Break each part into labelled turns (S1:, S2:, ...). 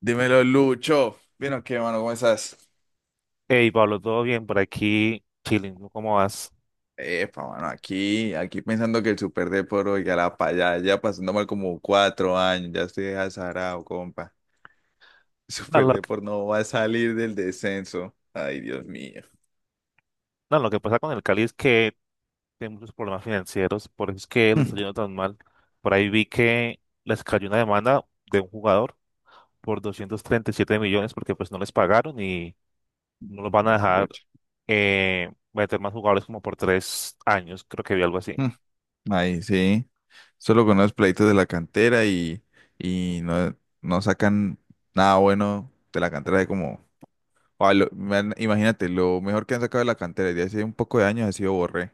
S1: Dímelo, Lucho. ¿Vieron qué, mano? ¿Cómo estás?
S2: Hey Pablo, ¿todo bien por aquí? Chilling, ¿no? ¿Cómo vas?
S1: Epa, mano, aquí pensando que el Super Depor, ya la pa' allá, ya pasando mal como 4 años, ya estoy azarado, compa. El
S2: No,
S1: Super
S2: lo, que
S1: Depor no va a salir del descenso. Ay, Dios mío.
S2: no, lo que pasa con el Cali es que tiene muchos problemas financieros, por eso es que les está
S1: Mm.
S2: yendo tan mal. Por ahí vi que les cayó una demanda de un jugador por 237 millones porque pues no les pagaron y no los van a
S1: Ay,
S2: dejar
S1: pucha.
S2: meter más jugadores como por tres años, creo que vi algo así.
S1: Mm. Ahí sí. Solo con los pleitos de la cantera y no sacan nada bueno de la cantera de como. Ah, man, imagínate, lo mejor que han sacado de la cantera desde hace un poco de años ha sido Borré.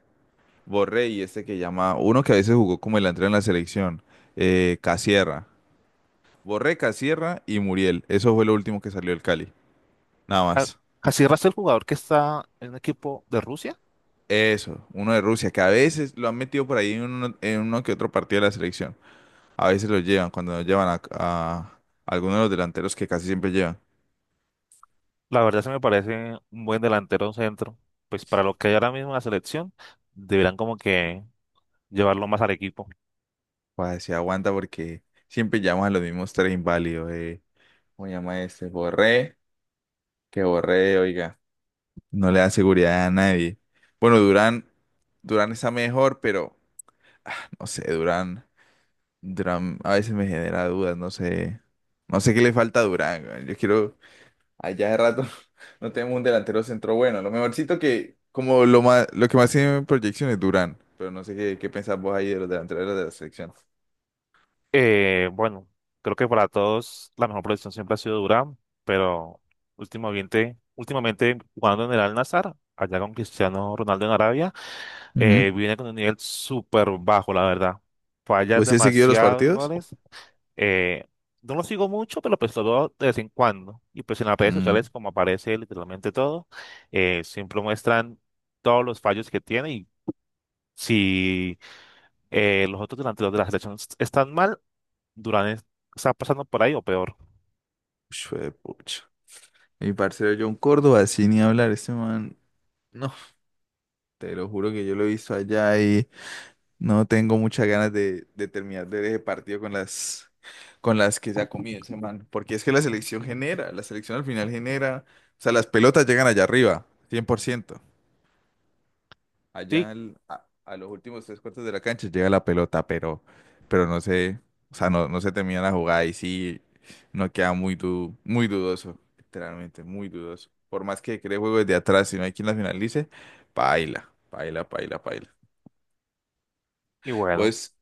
S1: Borré y este que llama, uno que a veces jugó como el delantero en la selección, Casierra. Borré, Casierra y Muriel. Eso fue lo último que salió del Cali. Nada
S2: Ah,
S1: más.
S2: así rasta el jugador que está en un equipo de Rusia.
S1: Eso, uno de Rusia, que a veces lo han metido por ahí en uno que otro partido de la selección. A veces lo llevan, cuando nos llevan a alguno de los delanteros que casi siempre llevan.
S2: La verdad se me parece un buen delantero centro. Pues para lo que hay ahora mismo en la selección, deberán como que llevarlo más al equipo.
S1: Pues se aguanta porque siempre llaman a los mismos tres inválidos. ¿Cómo llama este? Borré, que Borré, oiga. No le da seguridad a nadie. Bueno, Durán, Durán está mejor, pero no sé, Durán, Durán a veces me genera dudas, no sé, no sé qué le falta a Durán. Güey. Yo quiero, allá de rato no tenemos un delantero centro bueno. Lo mejorcito que, como lo más, lo que más tiene proyección es Durán, pero no sé qué, qué pensás vos ahí de los delanteros de la selección.
S2: Bueno, creo que para todos la mejor posición siempre ha sido Durán, pero últimamente jugando en el Al-Nassr, allá con Cristiano Ronaldo en Arabia,
S1: Ujú.
S2: viene con un nivel súper bajo, la verdad. Falla
S1: ¿Vos sí has seguido los
S2: demasiados
S1: partidos?
S2: goles. Eh, no lo sigo mucho, pero pues lo veo de vez en cuando. Y pues en las redes sociales,
S1: Mm,
S2: como aparece literalmente todo, siempre muestran todos los fallos que tiene. Y si los otros delanteros de la selección están mal, Durán es- está pasando por ahí o peor.
S1: pucha. Mi parcero John Córdoba, sin ni hablar, ese man, no, te lo juro que yo lo he visto allá y no tengo muchas ganas de terminar de ver ese partido con las que se ha comido ese man. Porque es que la selección genera, la selección al final genera. O sea, las pelotas llegan allá arriba, 100%. Allá
S2: Sí,
S1: a los últimos tres cuartos de la cancha llega la pelota, pero no sé, o sea, no, no se termina la jugada y sí, no queda muy, muy dudoso, literalmente, muy dudoso. Por más que cree juego desde atrás, si no hay quien la finalice, paila, paila, paila, paila.
S2: y bueno,
S1: Pues,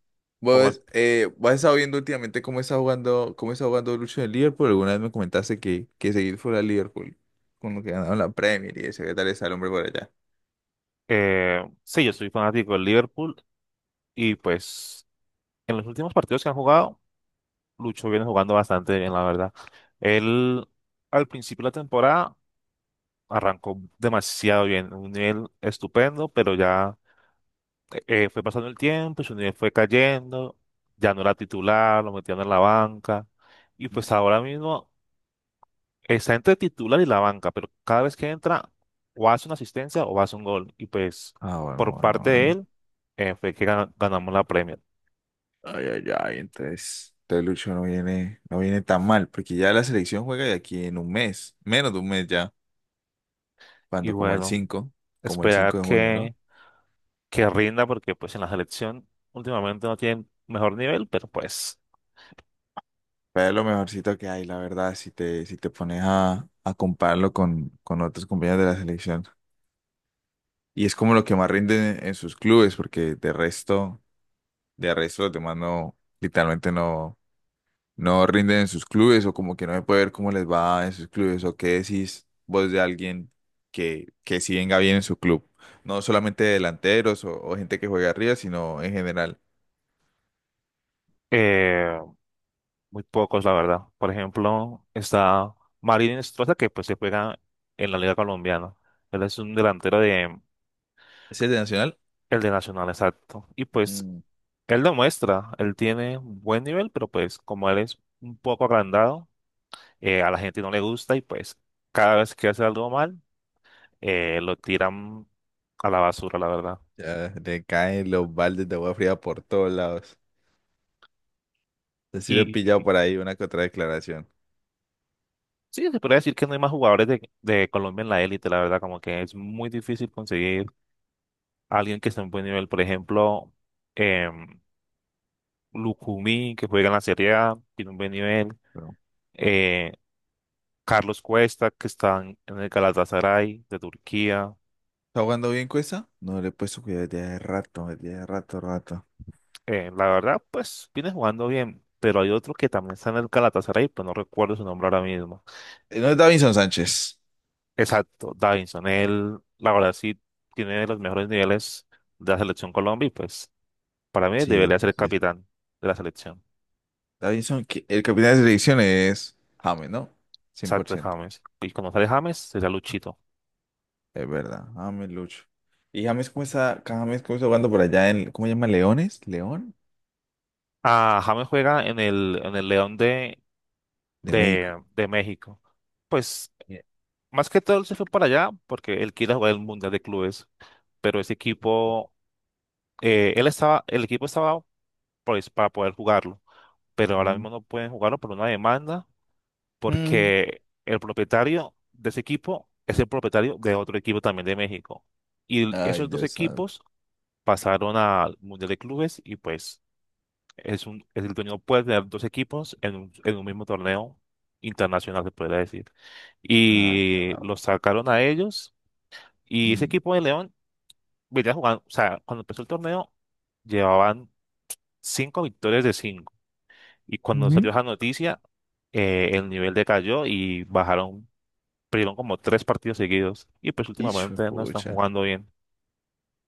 S2: como
S1: vos, vos has estado viendo últimamente cómo está jugando Lucho en el Liverpool. Alguna vez me comentaste que seguir fuera al Liverpool, con lo que ganaron la Premier y eso, ¿qué tal está el hombre por allá?
S2: sí, yo soy fanático del Liverpool y pues en los últimos partidos que han jugado, Lucho viene jugando bastante bien, la verdad. Él al principio de la temporada arrancó demasiado bien, un nivel estupendo, pero ya fue pasando el tiempo, y su nivel fue cayendo, ya no era titular, lo metían en la banca, y pues ahora mismo está entre titular y la banca, pero cada vez que entra, o hace una asistencia o hace un gol. Y pues
S1: Ah, bueno,
S2: por
S1: bueno,
S2: parte de
S1: bueno.
S2: él fue que ganamos la Premier.
S1: Ay, ay, ay, entonces, entonces Lucho no viene, no viene tan mal, porque ya la selección juega de aquí en un mes, menos de un mes ya,
S2: Y
S1: cuando como el
S2: bueno,
S1: 5, como el 5
S2: esperar
S1: de junio, ¿no?
S2: que rinda, porque pues en la selección últimamente no tiene mejor nivel, pero pues...
S1: Pero es lo mejorcito que hay, la verdad, si te, si te pones a compararlo con otros compañeros de la selección. Y es como lo que más rinde en sus clubes, porque de resto los demás no, literalmente no, no rinden en sus clubes, o como que no se puede ver cómo les va en sus clubes, o qué decís vos de alguien que sí venga bien en su club. No solamente delanteros o gente que juega arriba, sino en general.
S2: eh, muy pocos, la verdad. Por ejemplo, está Marín Estroza, que pues se juega en la Liga Colombiana. Él es un delantero de
S1: Ese es de Nacional,
S2: el de Nacional, exacto. Y pues
S1: mm,
S2: él demuestra, él tiene buen nivel, pero pues como él es un poco agrandado, a la gente no le gusta. Y pues cada vez que hace algo mal, lo tiran a la basura, la verdad.
S1: ya le caen los baldes de agua fría por todos lados. Así lo he
S2: Y
S1: pillado por ahí una que otra declaración.
S2: sí, se podría decir que no hay más jugadores de Colombia en la élite, la verdad, como que es muy difícil conseguir alguien que esté en buen nivel. Por ejemplo, em, Lucumí, que juega en la Serie A, tiene un buen nivel.
S1: Pero,
S2: eh, Carlos Cuesta, que está en el Galatasaray de Turquía.
S1: ¿está jugando bien Cuesta? No le he puesto cuidado desde hace rato, rato.
S2: La verdad, pues viene jugando bien, pero hay otro que también está en el Galatasaray, pero no recuerdo su nombre ahora mismo.
S1: No es Davinson Sánchez.
S2: Exacto, Davinson. Él, la verdad, sí tiene los mejores niveles de la selección Colombia y pues para mí
S1: Sí,
S2: debería ser
S1: sí,
S2: el
S1: sí.
S2: capitán de la selección.
S1: Davinson, que- el capitán de selección es James, ¿no? cien por
S2: Exacto,
S1: ciento
S2: James. Y cuando sale James, será Luchito.
S1: Es verdad, James Lucho. Y James, ¿cómo está? James, ¿cómo está jugando por allá en, ¿cómo se llama? ¿Leones? ¿León?
S2: Ah, James juega en el León
S1: De México.
S2: de México. Pues
S1: Bien.
S2: más que todo él se fue para allá porque él quiere jugar el Mundial de Clubes, pero ese equipo, el equipo estaba pues para poder jugarlo, pero ahora mismo no pueden jugarlo por una demanda
S1: Ujú.
S2: porque el propietario de ese equipo es el propietario de otro equipo también de México. Y
S1: Ay,
S2: esos dos
S1: Dios santo.
S2: equipos pasaron al Mundial de Clubes. Y pues es un, es el torneo puede tener dos equipos en un mismo torneo internacional, se podría decir.
S1: Ah,
S2: Y
S1: carajo.
S2: los sacaron a ellos. Y ese
S1: Mm.
S2: equipo de León venía jugando, o sea, cuando empezó el torneo, llevaban cinco victorias de cinco. Y cuando salió
S1: Ujú.
S2: esa noticia, el nivel decayó y bajaron, perdieron como tres partidos seguidos. Y pues
S1: Hijo de
S2: últimamente no están
S1: pucha.
S2: jugando bien.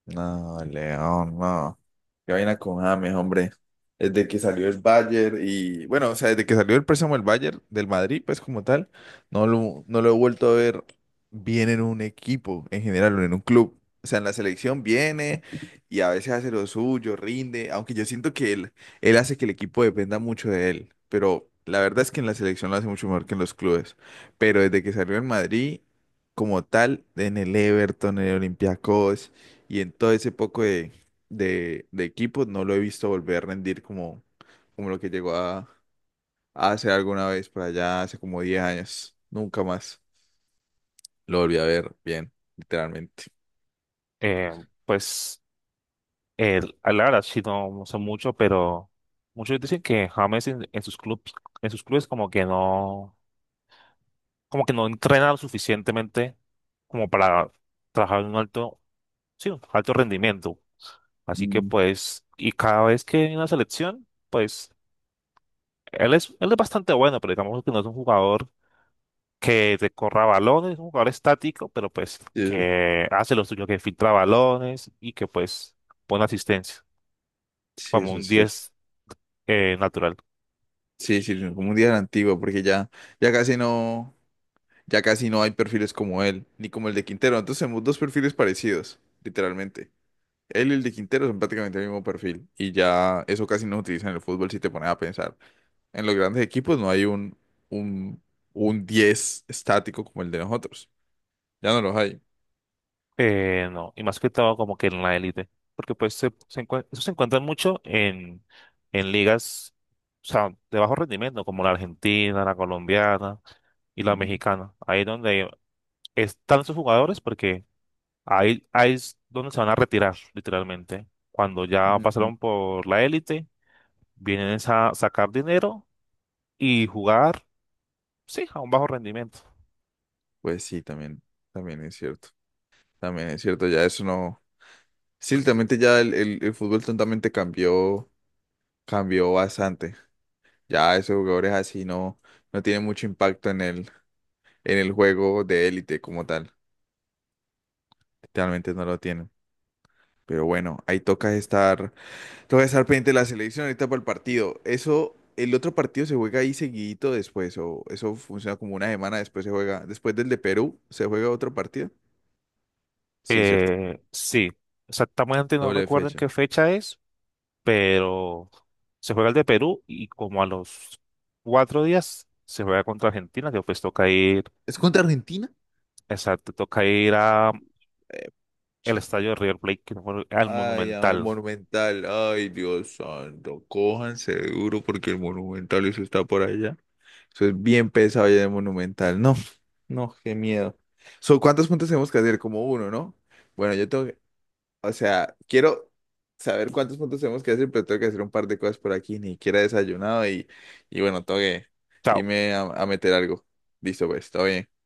S1: No, León, no. Qué vaina con James, hombre. Desde que salió el Bayern y, bueno, o sea, desde que salió el préstamo del Bayern, del Madrid, pues como tal, no lo, no lo he vuelto a ver bien en un equipo en general, o en un club. O sea, en la selección viene y a veces hace lo suyo, rinde, aunque yo siento que él hace que el equipo dependa mucho de él, pero la verdad es que en la selección lo hace mucho mejor que en los clubes. Pero desde que salió en Madrid, como tal, en el Everton, en el Olympiacos. Y en todo ese poco de equipos no lo he visto volver a rendir como, como lo que llegó a hacer alguna vez por allá hace como 10 años. Nunca más lo volví a ver bien, literalmente.
S2: Eh, pues. El, la verdad, sí, no sé mucho, pero muchos dicen que James en sus clubes como que no entrena lo suficientemente como para trabajar en un alto, sí, un alto rendimiento. Así que
S1: Mm.
S2: pues, y cada vez que viene a la selección, pues, él es bastante bueno, pero digamos que no es un jugador que te corra balones, es un jugador estático, pero pues
S1: Eh,
S2: que hace lo suyo, que filtra balones y que pues pone asistencia,
S1: sí,
S2: como
S1: eso
S2: un
S1: es cierto.
S2: 10 natural.
S1: Sí, sí, no, como un día era antiguo, porque ya, ya casi no, ya casi no hay perfiles como él, ni como el de Quintero. Entonces tenemos dos perfiles parecidos, literalmente. Él y el de Quintero son prácticamente el mismo perfil y ya eso casi no se utiliza en el fútbol si te pones a pensar. En los grandes equipos no hay un, un 10 estático como el de nosotros. Ya no los hay.
S2: No, y más que todo como que en la élite, porque pues eso se encuentran mucho en ligas, o sea, de bajo rendimiento, como la argentina, la colombiana y la
S1: Ujú.
S2: mexicana. Ahí donde están esos jugadores porque ahí es donde se van a retirar, literalmente. Cuando ya
S1: Ujú.
S2: pasaron por la élite, vienen es a sacar dinero y jugar, sí, a un bajo rendimiento.
S1: Pues sí, también, también es cierto. También es cierto, ya eso no. Sí, literalmente ya el fútbol tontamente cambió, cambió bastante. Ya esos jugadores así no, no tienen mucho impacto en el juego de élite como tal. Realmente no lo tienen. Pero bueno, ahí toca estar. Te voy a estar pendiente de la selección ahorita para el partido. Eso, el otro partido se juega ahí seguidito después, o eso funciona como una semana después se juega. Después del de Perú, ¿se juega otro partido? Sí, cierto.
S2: Sí, exactamente no
S1: Doble
S2: recuerdo en
S1: fecha.
S2: qué fecha es, pero se juega el de Perú y como a los cuatro días se juega contra Argentina, que pues toca ir,
S1: ¿Es contra Argentina?
S2: exacto, toca ir a
S1: Eh,
S2: el
S1: pucha.
S2: estadio de River Plate, que no me acuerdo, al
S1: Ay, a ver,
S2: Monumental.
S1: Monumental. Ay, Dios santo. Cójanse duro porque el Monumental eso está por allá. Eso es bien pesado ya de Monumental. No, no, qué miedo. So, ¿cuántos puntos tenemos que hacer? Como uno, ¿no? Bueno, yo tengo, o sea, quiero saber cuántos puntos tenemos que hacer, pero tengo que hacer un par de cosas por aquí. Ni siquiera he desayunado y bueno, tengo que
S2: Chao.
S1: irme a meter algo. Listo, pues, todo bien.